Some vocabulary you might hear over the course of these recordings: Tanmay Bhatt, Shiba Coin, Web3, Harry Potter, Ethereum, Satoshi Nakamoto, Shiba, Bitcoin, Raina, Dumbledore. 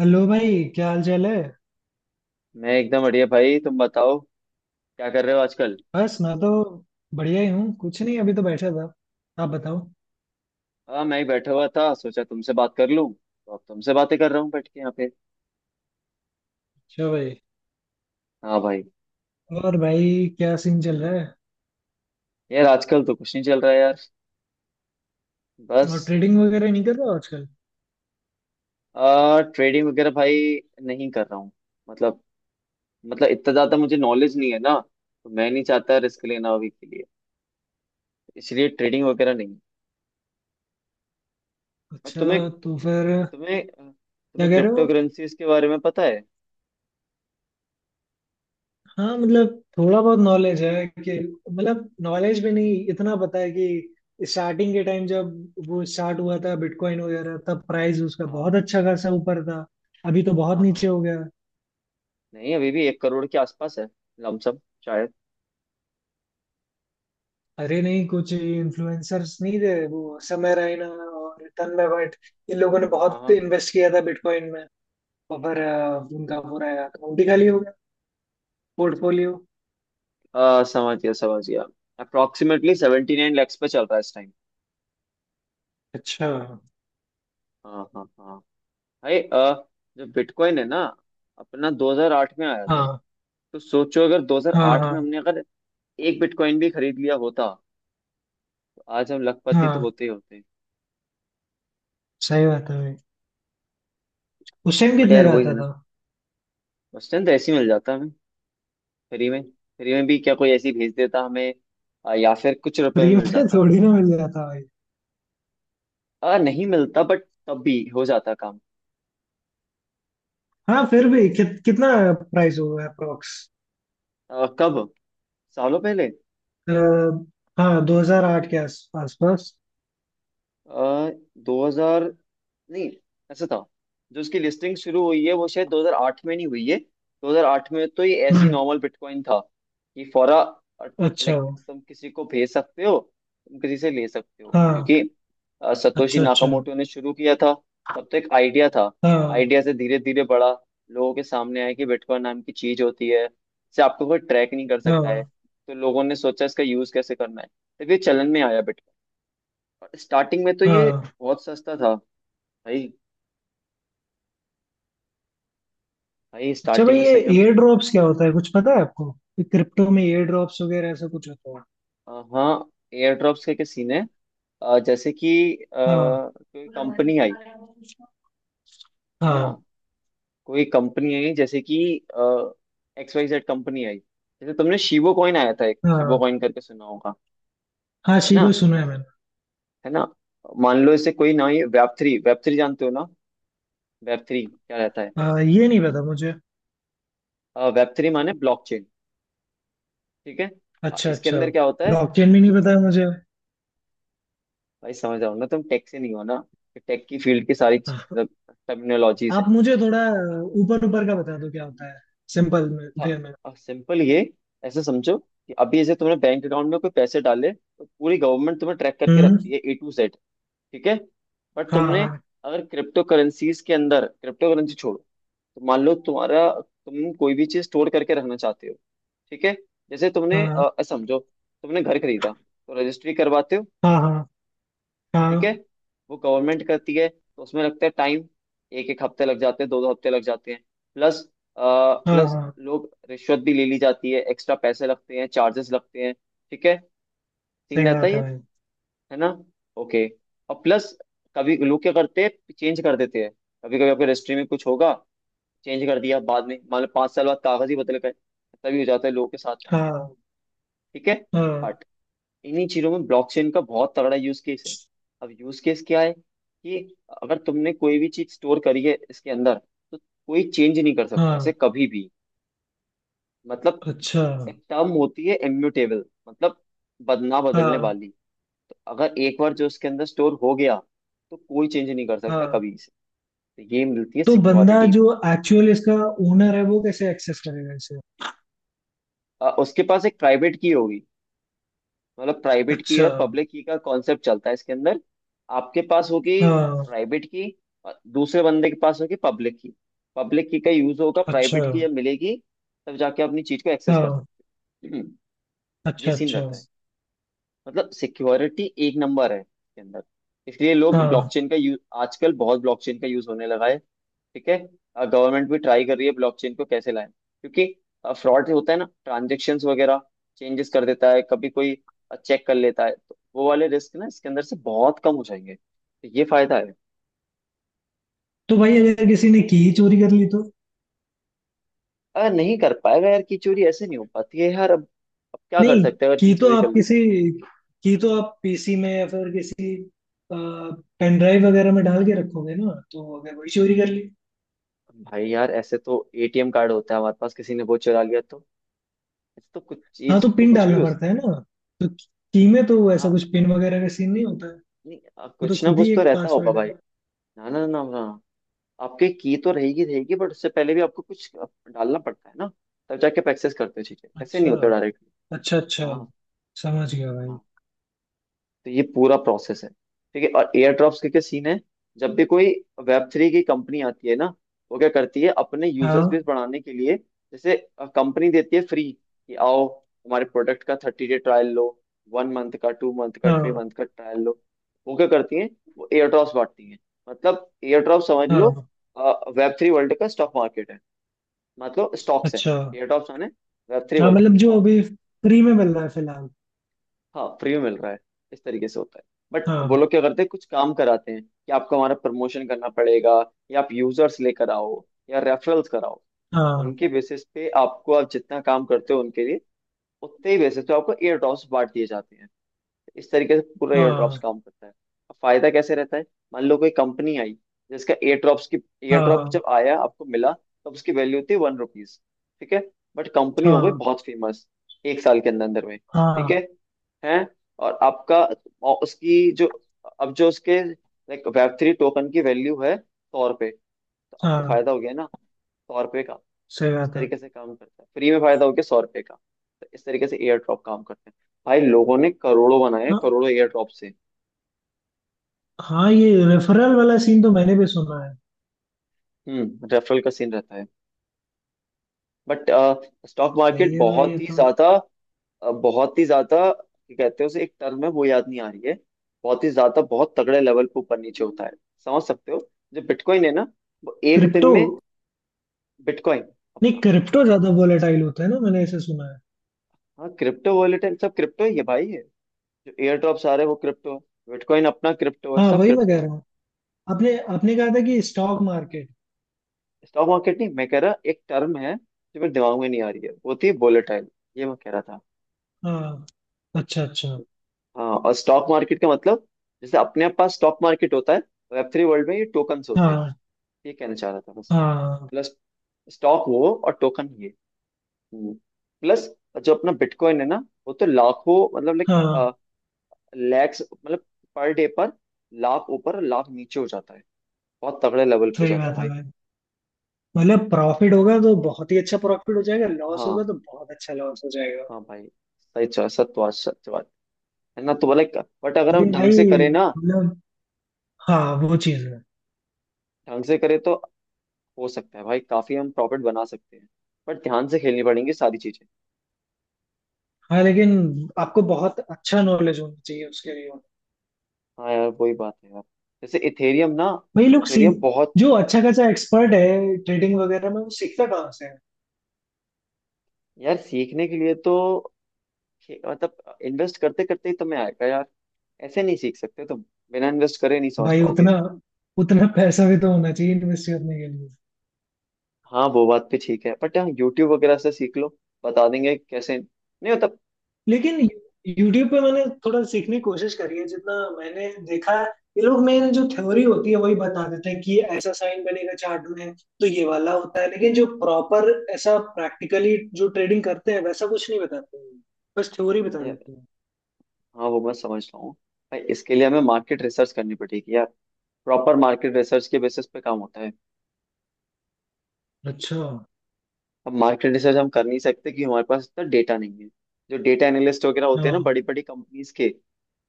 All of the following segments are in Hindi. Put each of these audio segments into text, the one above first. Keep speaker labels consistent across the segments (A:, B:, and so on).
A: हेलो भाई, क्या हाल चाल है।
B: मैं एकदम बढ़िया भाई। तुम बताओ, क्या कर रहे हो आजकल?
A: बस मैं तो बढ़िया ही हूँ, कुछ नहीं अभी तो बैठा था। आप बताओ।
B: हाँ, मैं ही बैठा हुआ था, सोचा तुमसे बात कर लूं तो अब तुमसे बातें कर रहा हूँ बैठ के यहाँ पे।
A: अच्छा भाई।
B: हाँ भाई।
A: और भाई क्या सीन चल रहा है।
B: यार, आजकल तो कुछ नहीं चल रहा है यार। बस।
A: और ट्रेडिंग वगैरह नहीं कर रहे हो आजकल।
B: आ ट्रेडिंग वगैरह भाई नहीं कर रहा हूँ। मतलब मतलब, इतना ज्यादा मुझे नॉलेज नहीं है ना, तो मैं नहीं चाहता रिस्क लेना अभी के लिए। इसलिए ट्रेडिंग वगैरह नहीं। और तुम्हें
A: अच्छा तो फिर।
B: तुम्हें
A: क्या
B: तुम्हें
A: कह रहे
B: क्रिप्टो
A: हो।
B: करेंसीज के बारे में पता है?
A: हाँ मतलब थोड़ा बहुत नॉलेज है कि, मतलब नॉलेज भी नहीं, इतना पता है कि स्टार्टिंग के टाइम जब वो स्टार्ट हुआ था बिटकॉइन वगैरह, तब प्राइस उसका बहुत
B: हाँ
A: अच्छा खासा ऊपर था। अभी तो बहुत
B: हाँ
A: नीचे
B: हाँ।
A: हो गया।
B: नहीं, अभी भी 1 करोड़ के आसपास है। लमसम, शायद।
A: अरे नहीं, कुछ इन्फ्लुएंसर्स नहीं थे वो समय रैना और तन्मय भट्ट, इन लोगों ने
B: हाँ
A: बहुत
B: हाँ।
A: इन्वेस्ट किया था बिटकॉइन में। और फिर उनका पूरा अकाउंट ही खाली हो गया। पोर्टफोलियो।
B: समझ गया समझ गया। अप्रोक्सीमेटली 79 लैक्स पे चल रहा है इस टाइम।
A: अच्छा।
B: हाँ हाँ हाँ। भाई, जो बिटकॉइन है ना, अपना 2008 में आया था।
A: हाँ,
B: तो सोचो, अगर
A: हाँ,
B: 2008 में
A: हाँ,
B: हमने अगर एक बिटकॉइन भी खरीद लिया होता, तो आज हम लखपति तो
A: हाँ।
B: होते ही होते।
A: सही बात है भाई। उस टाइम
B: बट
A: कितने
B: यार,
A: का
B: वही है
A: आता
B: ना।
A: था।
B: उस टाइम तो ऐसे ही मिल जाता हमें, फ्री में। फ्री में भी क्या, कोई ऐसी भेज देता हमें, या फिर कुछ रुपए में
A: फ्री में
B: मिल जाता।
A: थोड़ी ना मिल जाता भाई।
B: नहीं मिलता, बट तब भी हो जाता काम।
A: हाँ फिर भी कितना प्राइस होगा अप्रोक्स।
B: कब, सालों पहले?
A: हाँ, 2008 के आस आसपास।
B: आ, दो हजार, नहीं, ऐसा था, जो इसकी लिस्टिंग शुरू हुई है वो शायद 2008 में नहीं हुई है। 2008 में तो ये ऐसी
A: हम्म।
B: नॉर्मल बिटकॉइन था कि फौरा,
A: अच्छा।
B: लाइक, तुम किसी को भेज सकते हो, तुम किसी से ले सकते हो,
A: हाँ।
B: क्योंकि सतोशी
A: अच्छा अच्छा।
B: नाकामोटो ने शुरू किया था। तब तो एक आइडिया था।
A: हाँ,
B: आइडिया से धीरे धीरे बड़ा लोगों के सामने आया कि बिटकॉइन नाम की चीज होती है, इसे आपको कोई ट्रैक नहीं कर सकता है।
A: हाँ,
B: तो लोगों ने सोचा इसका यूज कैसे करना है। तब ये चलन में आया बिटकॉइन। स्टार्टिंग में तो ये
A: हाँ।
B: बहुत सस्ता था भाई। भाई,
A: अच्छा
B: स्टार्टिंग
A: भाई,
B: में
A: ये
B: सही में।
A: एयर ड्रॉप्स क्या होता है कुछ पता है आपको। ये क्रिप्टो में एयर ड्रॉप्स वगैरह ऐसा कुछ होता है।
B: हाँ, एयर ड्रॉप्स के सीन है। जैसे कि,
A: हाँ।
B: कोई कंपनी आई, है ना,
A: हाँ।
B: कोई कंपनी आई जैसे कि XYZ कंपनी आई। जैसे तुमने शिबो कॉइन आया था, एक शिबो
A: हाँ
B: कॉइन करके सुना होगा।
A: हाँ
B: है ना,
A: शिबो सुना है मैंने।
B: है ना। मान लो इसे कोई ना आई, वेब थ्री, वेब थ्री जानते हो ना? वेब थ्री क्या रहता है?
A: हाँ, ये नहीं पता मुझे।
B: वेब थ्री माने ब्लॉकचेन। ठीक है।
A: अच्छा
B: इसके
A: अच्छा।
B: अंदर क्या होता है?
A: ब्लॉकचेन भी
B: ये
A: नहीं पता
B: प्र...
A: है मुझे।
B: भाई, समझ रहा हो ना, तुम टेक से नहीं हो ना। टेक की फील्ड की सारी
A: हाँ।
B: टर्मिनोलॉजीज है।
A: आप मुझे थोड़ा ऊपर ऊपर का बता दो क्या होता है, सिंपल में वे में।
B: सिंपल, ये ऐसे समझो कि अभी जैसे तुमने बैंक अकाउंट में कोई पैसे डाले, तो पूरी गवर्नमेंट तुम्हें ट्रैक करके
A: हम्म।
B: रखती है, A to Z। ठीक है। बट
A: हाँ,
B: तुमने,
A: हाँ।
B: अगर क्रिप्टो करेंसीज के अंदर, क्रिप्टो करेंसी छोड़ो, तो मान लो तुम्हारा, तुम कोई भी चीज स्टोर करके रखना चाहते हो। ठीक है। जैसे तुमने
A: हाँ,
B: समझो तुमने घर खरीदा, तो रजिस्ट्री करवाते हो।
A: हाँ, हाँ,
B: ठीक है। वो गवर्नमेंट करती है, तो उसमें लगता है टाइम। एक एक हफ्ते लग जाते हैं, दो दो हफ्ते लग जाते हैं। प्लस,
A: हाँ, हाँ,
B: प्लस
A: हाँ।
B: लोग रिश्वत भी ले ली जाती है, एक्स्ट्रा पैसे लगते हैं, चार्जेस लगते हैं। ठीक है। सीन
A: सही
B: रहता है
A: बात
B: ये।
A: है भाई।
B: है ना। ओके। और प्लस, कभी लोग क्या करते हैं, चेंज कर देते हैं। कभी कभी आपके रजिस्ट्री में कुछ होगा, चेंज कर दिया, बाद में मान लो 5 साल बाद कागज ही बदल गए। तभी हो जाता है लोगों के साथ में।
A: हाँ,
B: ठीक है।
A: हाँ,
B: इन्हीं चीजों में ब्लॉकचेन का बहुत तगड़ा यूज केस है। अब यूज केस क्या है, कि अगर तुमने कोई भी चीज स्टोर करी है इसके अंदर, तो कोई चेंज नहीं कर सकता इसे
A: हाँ।
B: कभी भी। मतलब
A: अच्छा।
B: एक टर्म होती है इम्यूटेबल, मतलब बदना बदलने
A: हाँ,
B: वाली। तो अगर एक बार जो इसके अंदर स्टोर हो गया, तो कोई चेंज नहीं कर सकता
A: हाँ।
B: कभी इसे। तो ये मिलती है
A: तो बंदा
B: सिक्योरिटी।
A: जो एक्चुअल इसका ओनर है वो कैसे एक्सेस करेगा इसे।
B: उसके पास एक प्राइवेट की होगी। मतलब प्राइवेट की
A: अच्छा।
B: और पब्लिक की का कॉन्सेप्ट चलता है इसके अंदर। आपके पास होगी
A: हाँ।
B: प्राइवेट की, और दूसरे बंदे के पास होगी पब्लिक की। पब्लिक की का यूज होगा,
A: अच्छा।
B: प्राइवेट की जब मिलेगी, तब जाके अपनी चीज को एक्सेस कर
A: हाँ।
B: सकते हो। ये
A: अच्छा
B: सीन
A: अच्छा।
B: रहता है। मतलब सिक्योरिटी एक नंबर है इसके अंदर। इसलिए लोग
A: हाँ।
B: ब्लॉकचेन का यूज, आजकल बहुत ब्लॉकचेन का यूज होने लगा है। ठीक है। गवर्नमेंट भी ट्राई कर रही है ब्लॉकचेन को कैसे लाए, क्योंकि फ्रॉड होता है ना, ट्रांजेक्शन्स वगैरह चेंजेस कर देता है कभी कोई, चेक कर लेता है, तो वो वाले रिस्क ना इसके अंदर से बहुत कम हो जाएंगे। तो ये फायदा है।
A: तो भाई, अगर किसी ने की चोरी कर ली तो।
B: अगर नहीं कर पाएगा यार, की चोरी ऐसे नहीं हो पाती है यार अब। अब क्या कर
A: नहीं,
B: सकते हैं अगर की
A: की तो
B: चोरी कर
A: आप
B: ली
A: किसी
B: तो?
A: की तो आप पीसी में या फिर किसी पेन ड्राइव वगैरह में डाल के रखोगे ना, तो अगर वही चोरी कर ली।
B: भाई यार, ऐसे तो ATM कार्ड होता है हमारे पास, किसी ने वो चुरा लिया तो? ऐसे तो कुछ
A: हाँ तो
B: चीज, तो
A: पिन
B: कुछ भी
A: डालना
B: हो।
A: पड़ता है ना, तो की में तो ऐसा
B: हाँ।
A: कुछ पिन वगैरह का सीन नहीं होता है।
B: नहीं,
A: वो तो
B: कुछ ना
A: खुद ही
B: कुछ तो
A: एक
B: रहता होगा
A: पासवर्ड
B: भाई।
A: है।
B: ना, ना, ना, ना, आपके की तो रहेगी रहेगी, बट उससे पहले भी आपको कुछ डालना पड़ता है ना, तब जाके आप एक्सेस करते हो चीजें। ऐसे नहीं
A: अच्छा,
B: होता डायरेक्टली।
A: अच्छा, अच्छा।
B: हाँ,
A: समझ गया भाई।
B: हाँ। तो ये पूरा प्रोसेस है, ठीक है। और एयर ड्रॉप्स के क्या सीन है? जब भी कोई वेब थ्री की कंपनी आती है ना, वो क्या करती है अपने यूजर्स
A: हाँ,
B: बेस बढ़ाने के लिए, जैसे कंपनी देती है फ्री कि आओ, हमारे प्रोडक्ट का 30 डे ट्रायल लो। 1 मंथ का, 2 मंथ का, थ्री
A: हाँ,
B: मंथ का ट्रायल लो। वो क्या करती है, वो एयर ड्रॉप्स बांटती है। मतलब एयर ड्रॉप समझ लो,
A: हाँ।
B: वेब थ्री वर्ल्ड का स्टॉक मार्केट है, मतलब स्टॉक्स है।
A: अच्छा।
B: एयर ड्रॉप्स माने वेब थ्री
A: हाँ,
B: वर्ल्ड के
A: मतलब जो
B: स्टॉक।
A: अभी फ्री में मिल रहा है फिलहाल।
B: हाँ, फ्री में मिल रहा है। इस तरीके से होता है। बट वो
A: हाँ
B: लोग क्या करते हैं, कुछ काम कराते हैं कि आपको हमारा प्रमोशन करना पड़ेगा, या आप यूजर्स लेकर आओ, या रेफरल्स कराओ।
A: हाँ,
B: उनके बेसिस पे आपको, आप जितना काम करते हो उनके लिए, उतने ही बेसिस पे आपको एयर ड्रॉप्स बांट दिए जाते हैं। इस तरीके से पूरा एयरड्रॉप्स
A: हाँ,
B: काम करता है। अब फायदा कैसे रहता है, मान लो कोई कंपनी आई, जिसका एयरड्रॉप्स की,
A: हाँ,
B: एयरड्रॉप
A: हाँ,
B: जब आया आपको मिला, तब उसकी वैल्यू थी 1 रुपीज। ठीक है। बट कंपनी हो गई
A: हाँ,
B: बहुत फेमस, एक साल के अंदर अंदर में। ठीक है।
A: हाँ।
B: हैं, और आपका, और उसकी जो, अब जो उसके लाइक वेब थ्री टोकन की वैल्यू है 100 रुपए, तो आपको
A: हाँ,
B: फायदा हो गया ना, 100 रुपये का।
A: सही
B: इस
A: बात है।
B: तरीके से काम करता है, फ्री में फायदा हो गया 100 रुपये का। तो इस तरीके से एयर ड्रॉप काम करते हैं। भाई लोगों ने करोड़ों बनाए,
A: हाँ,
B: करोड़ों एयर ड्रॉप से।
A: हाँ, ये रेफरल वाला सीन तो मैंने भी सुना है।
B: रेफरल का सीन रहता है, बट स्टॉक
A: सही
B: मार्केट
A: है भाई ये
B: बहुत ही
A: तो।
B: ज्यादा, बहुत ही ज्यादा, क्या कहते हैं उसे, एक टर्म है वो याद नहीं आ रही है, बहुत ही ज्यादा बहुत तगड़े लेवल पे ऊपर नीचे होता है। समझ सकते हो। जो बिटकॉइन है ना, वो एक दिन
A: क्रिप्टो।
B: में, बिटकॉइन
A: नहीं,
B: अपना।
A: क्रिप्टो ज्यादा वोलेटाइल होता है ना, मैंने ऐसे सुना है।
B: हाँ, क्रिप्टो वॉलेट है, सब क्रिप्टो ही है भाई ये। जो एयर ड्रॉप आ रहे हैं वो क्रिप्टो है, बिटकॉइन अपना क्रिप्टो है,
A: हाँ,
B: सब
A: वही मैं कह
B: क्रिप्टो है।
A: रहा हूँ। आपने आपने कहा था कि स्टॉक मार्केट।
B: स्टॉक मार्केट नहीं, मैं कह रहा एक टर्म है जो मेरे दिमाग में नहीं आ रही है वो, थी वोलेटाइल। ये मैं कह रहा था।
A: हाँ। अच्छा अच्छा।
B: हाँ, और स्टॉक मार्केट का मतलब, जैसे अपने पास स्टॉक मार्केट होता है, वेब थ्री वर्ल्ड में ये टोकन्स होते हैं।
A: हाँ,
B: ये कहना चाह रहा था बस।
A: हाँ।
B: प्लस, स्टॉक वो और टोकन ये। हम्म। प्लस, जो अपना बिटकॉइन है ना, वो तो लाखों, मतलब लाइक,
A: हाँ,
B: लैक्स, मतलब, पर डे पर लाख ऊपर, लाख नीचे हो जाता है। बहुत तगड़े लेवल पे हो
A: सही
B: जाता है
A: बात है
B: भाई।
A: भाई। मतलब प्रॉफिट होगा तो बहुत ही अच्छा प्रॉफिट हो जाएगा, लॉस होगा
B: हाँ
A: तो बहुत अच्छा लॉस हो जाएगा।
B: हाँ भाई। सही चॉइस सत्वास। है ना, तो लाइक, बट अगर हम
A: लेकिन
B: ढंग
A: भाई,
B: से करें ना,
A: मतलब, हाँ वो चीज है।
B: ढंग से करें तो, हो सकता है भाई काफी हम प्रॉफिट बना सकते हैं, बट ध्यान से खेलनी पड़ेंगी सारी चीजें।
A: हाँ लेकिन आपको बहुत अच्छा नॉलेज होना चाहिए उसके लिए।
B: हाँ यार, वही बात है यार। जैसे इथेरियम ना,
A: भाई लोग
B: इथेरियम
A: सीख,
B: बहुत।
A: जो अच्छा खासा एक्सपर्ट है ट्रेडिंग वगैरह में, वो सीखता कहाँ से है।
B: यार, सीखने के लिए तो मतलब, इन्वेस्ट करते करते ही तुम्हें आएगा यार। ऐसे नहीं सीख सकते तुम। बिना इन्वेस्ट करे नहीं समझ
A: भाई
B: पाओगे।
A: उतना उतना पैसा भी तो होना चाहिए इन्वेस्ट करने के लिए।
B: हाँ, वो बात भी ठीक है, बट यहाँ यूट्यूब वगैरह से सीख लो, बता देंगे कैसे, नहीं मतलब।
A: लेकिन यूट्यूब पे मैंने थोड़ा सीखने की कोशिश करी है, जितना मैंने देखा है ये लोग मेन जो थ्योरी होती है वही बता देते हैं कि ऐसा साइन बनेगा चार्ट में तो ये वाला होता है, लेकिन जो प्रॉपर ऐसा प्रैक्टिकली जो ट्रेडिंग करते हैं वैसा कुछ नहीं बताते हैं। बस थ्योरी बता देते हैं।
B: हाँ, वो मैं समझ रहा हूँ, भाई इसके लिए हमें मार्केट रिसर्च करनी पड़ेगी यार। प्रॉपर मार्केट रिसर्च के बेसिस पे काम होता है।
A: अच्छा।
B: अब मार्केट रिसर्च हम कर नहीं सकते, कि हमारे पास इतना डेटा नहीं है। जो डेटा एनालिस्ट वगैरह होते हैं ना,
A: हाँ,
B: बड़ी बड़ी कंपनीज के,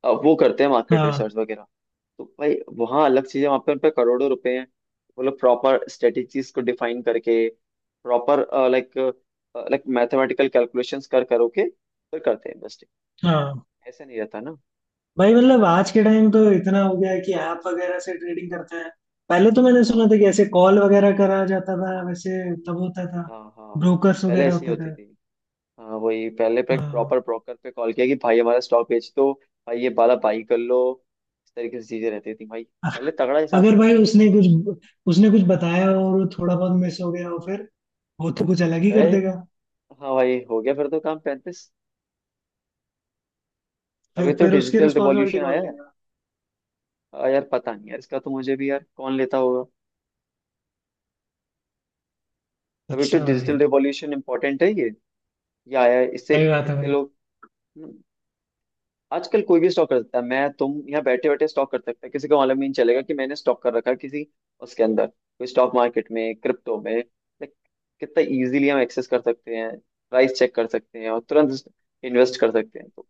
B: अब वो करते हैं मार्केट
A: हाँ,
B: रिसर्च वगैरह। तो भाई, वहाँ अलग चीज़ है, वहाँ पे उन पे करोड़ों रुपए हैं। वो लोग प्रॉपर स्ट्रेटेजीज को डिफाइन करके, proper, like like mathematical calculations कर करो के फिर करते हैं इन्वेस्टिंग।
A: हाँ।
B: ऐसा नहीं रहता ना।
A: भाई मतलब आज के टाइम तो इतना हो गया है कि ऐप वगैरह से ट्रेडिंग करते हैं। पहले तो मैंने
B: हाँ
A: सुना था कि ऐसे कॉल वगैरह करा जाता था, वैसे तब होता था।
B: हाँ हाँ।
A: ब्रोकर्स
B: पहले
A: वगैरह
B: ऐसी
A: होते
B: होती
A: थे।
B: थी, हाँ वही, पहले पे
A: हाँ।
B: प्रॉपर ब्रोकर पे कॉल किया कि भाई हमारा स्टॉक बेच दो, भाई ये वाला बाई कर लो। इस तरीके से चीजें रहती थी भाई। पहले तगड़ा हिसाब
A: अगर
B: था।
A: भाई उसने कुछ बताया और वो थोड़ा बहुत मिस हो गया हो, फिर वो तो कुछ अलग ही कर
B: गए।
A: देगा।
B: हाँ भाई, हो गया फिर तो काम, 35,
A: फिर
B: तभी तो
A: फिर उसकी
B: डिजिटल
A: रिस्पॉन्सिबिलिटी
B: रिवॉल्यूशन
A: कौन
B: आया है।
A: लेगा।
B: यार पता नहीं यार, इसका तो मुझे भी यार, कौन लेता होगा। तभी तो
A: अच्छा भाई।
B: डिजिटल रिवॉल्यूशन इम्पोर्टेंट है ये आया है, इससे
A: सही बात है
B: कितने
A: भाई।
B: लोग। आजकल कोई भी स्टॉक कर सकता है, मैं, तुम, यहाँ बैठे बैठे स्टॉक कर सकते हैं, किसी को मालूम ही नहीं चलेगा कि मैंने स्टॉक कर रखा है किसी, उसके अंदर, कोई स्टॉक मार्केट में, क्रिप्टो में, लाइक, कितना इजीली हम एक्सेस कर सकते हैं, प्राइस चेक कर सकते हैं और तुरंत इन्वेस्ट कर सकते हैं। तो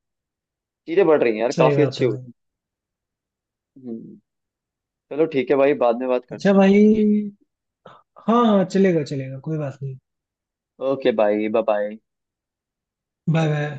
B: चीजें बढ़ रही हैं यार,
A: सही
B: काफी
A: बात
B: अच्छी
A: है
B: हो रही
A: भाई।
B: हैं। चलो ठीक है भाई, बाद में बात करते
A: अच्छा
B: हैं आप।
A: भाई। हाँ, हाँ, चलेगा चलेगा कोई बात नहीं।
B: ओके भाई, बाय बाय।
A: Bye bye.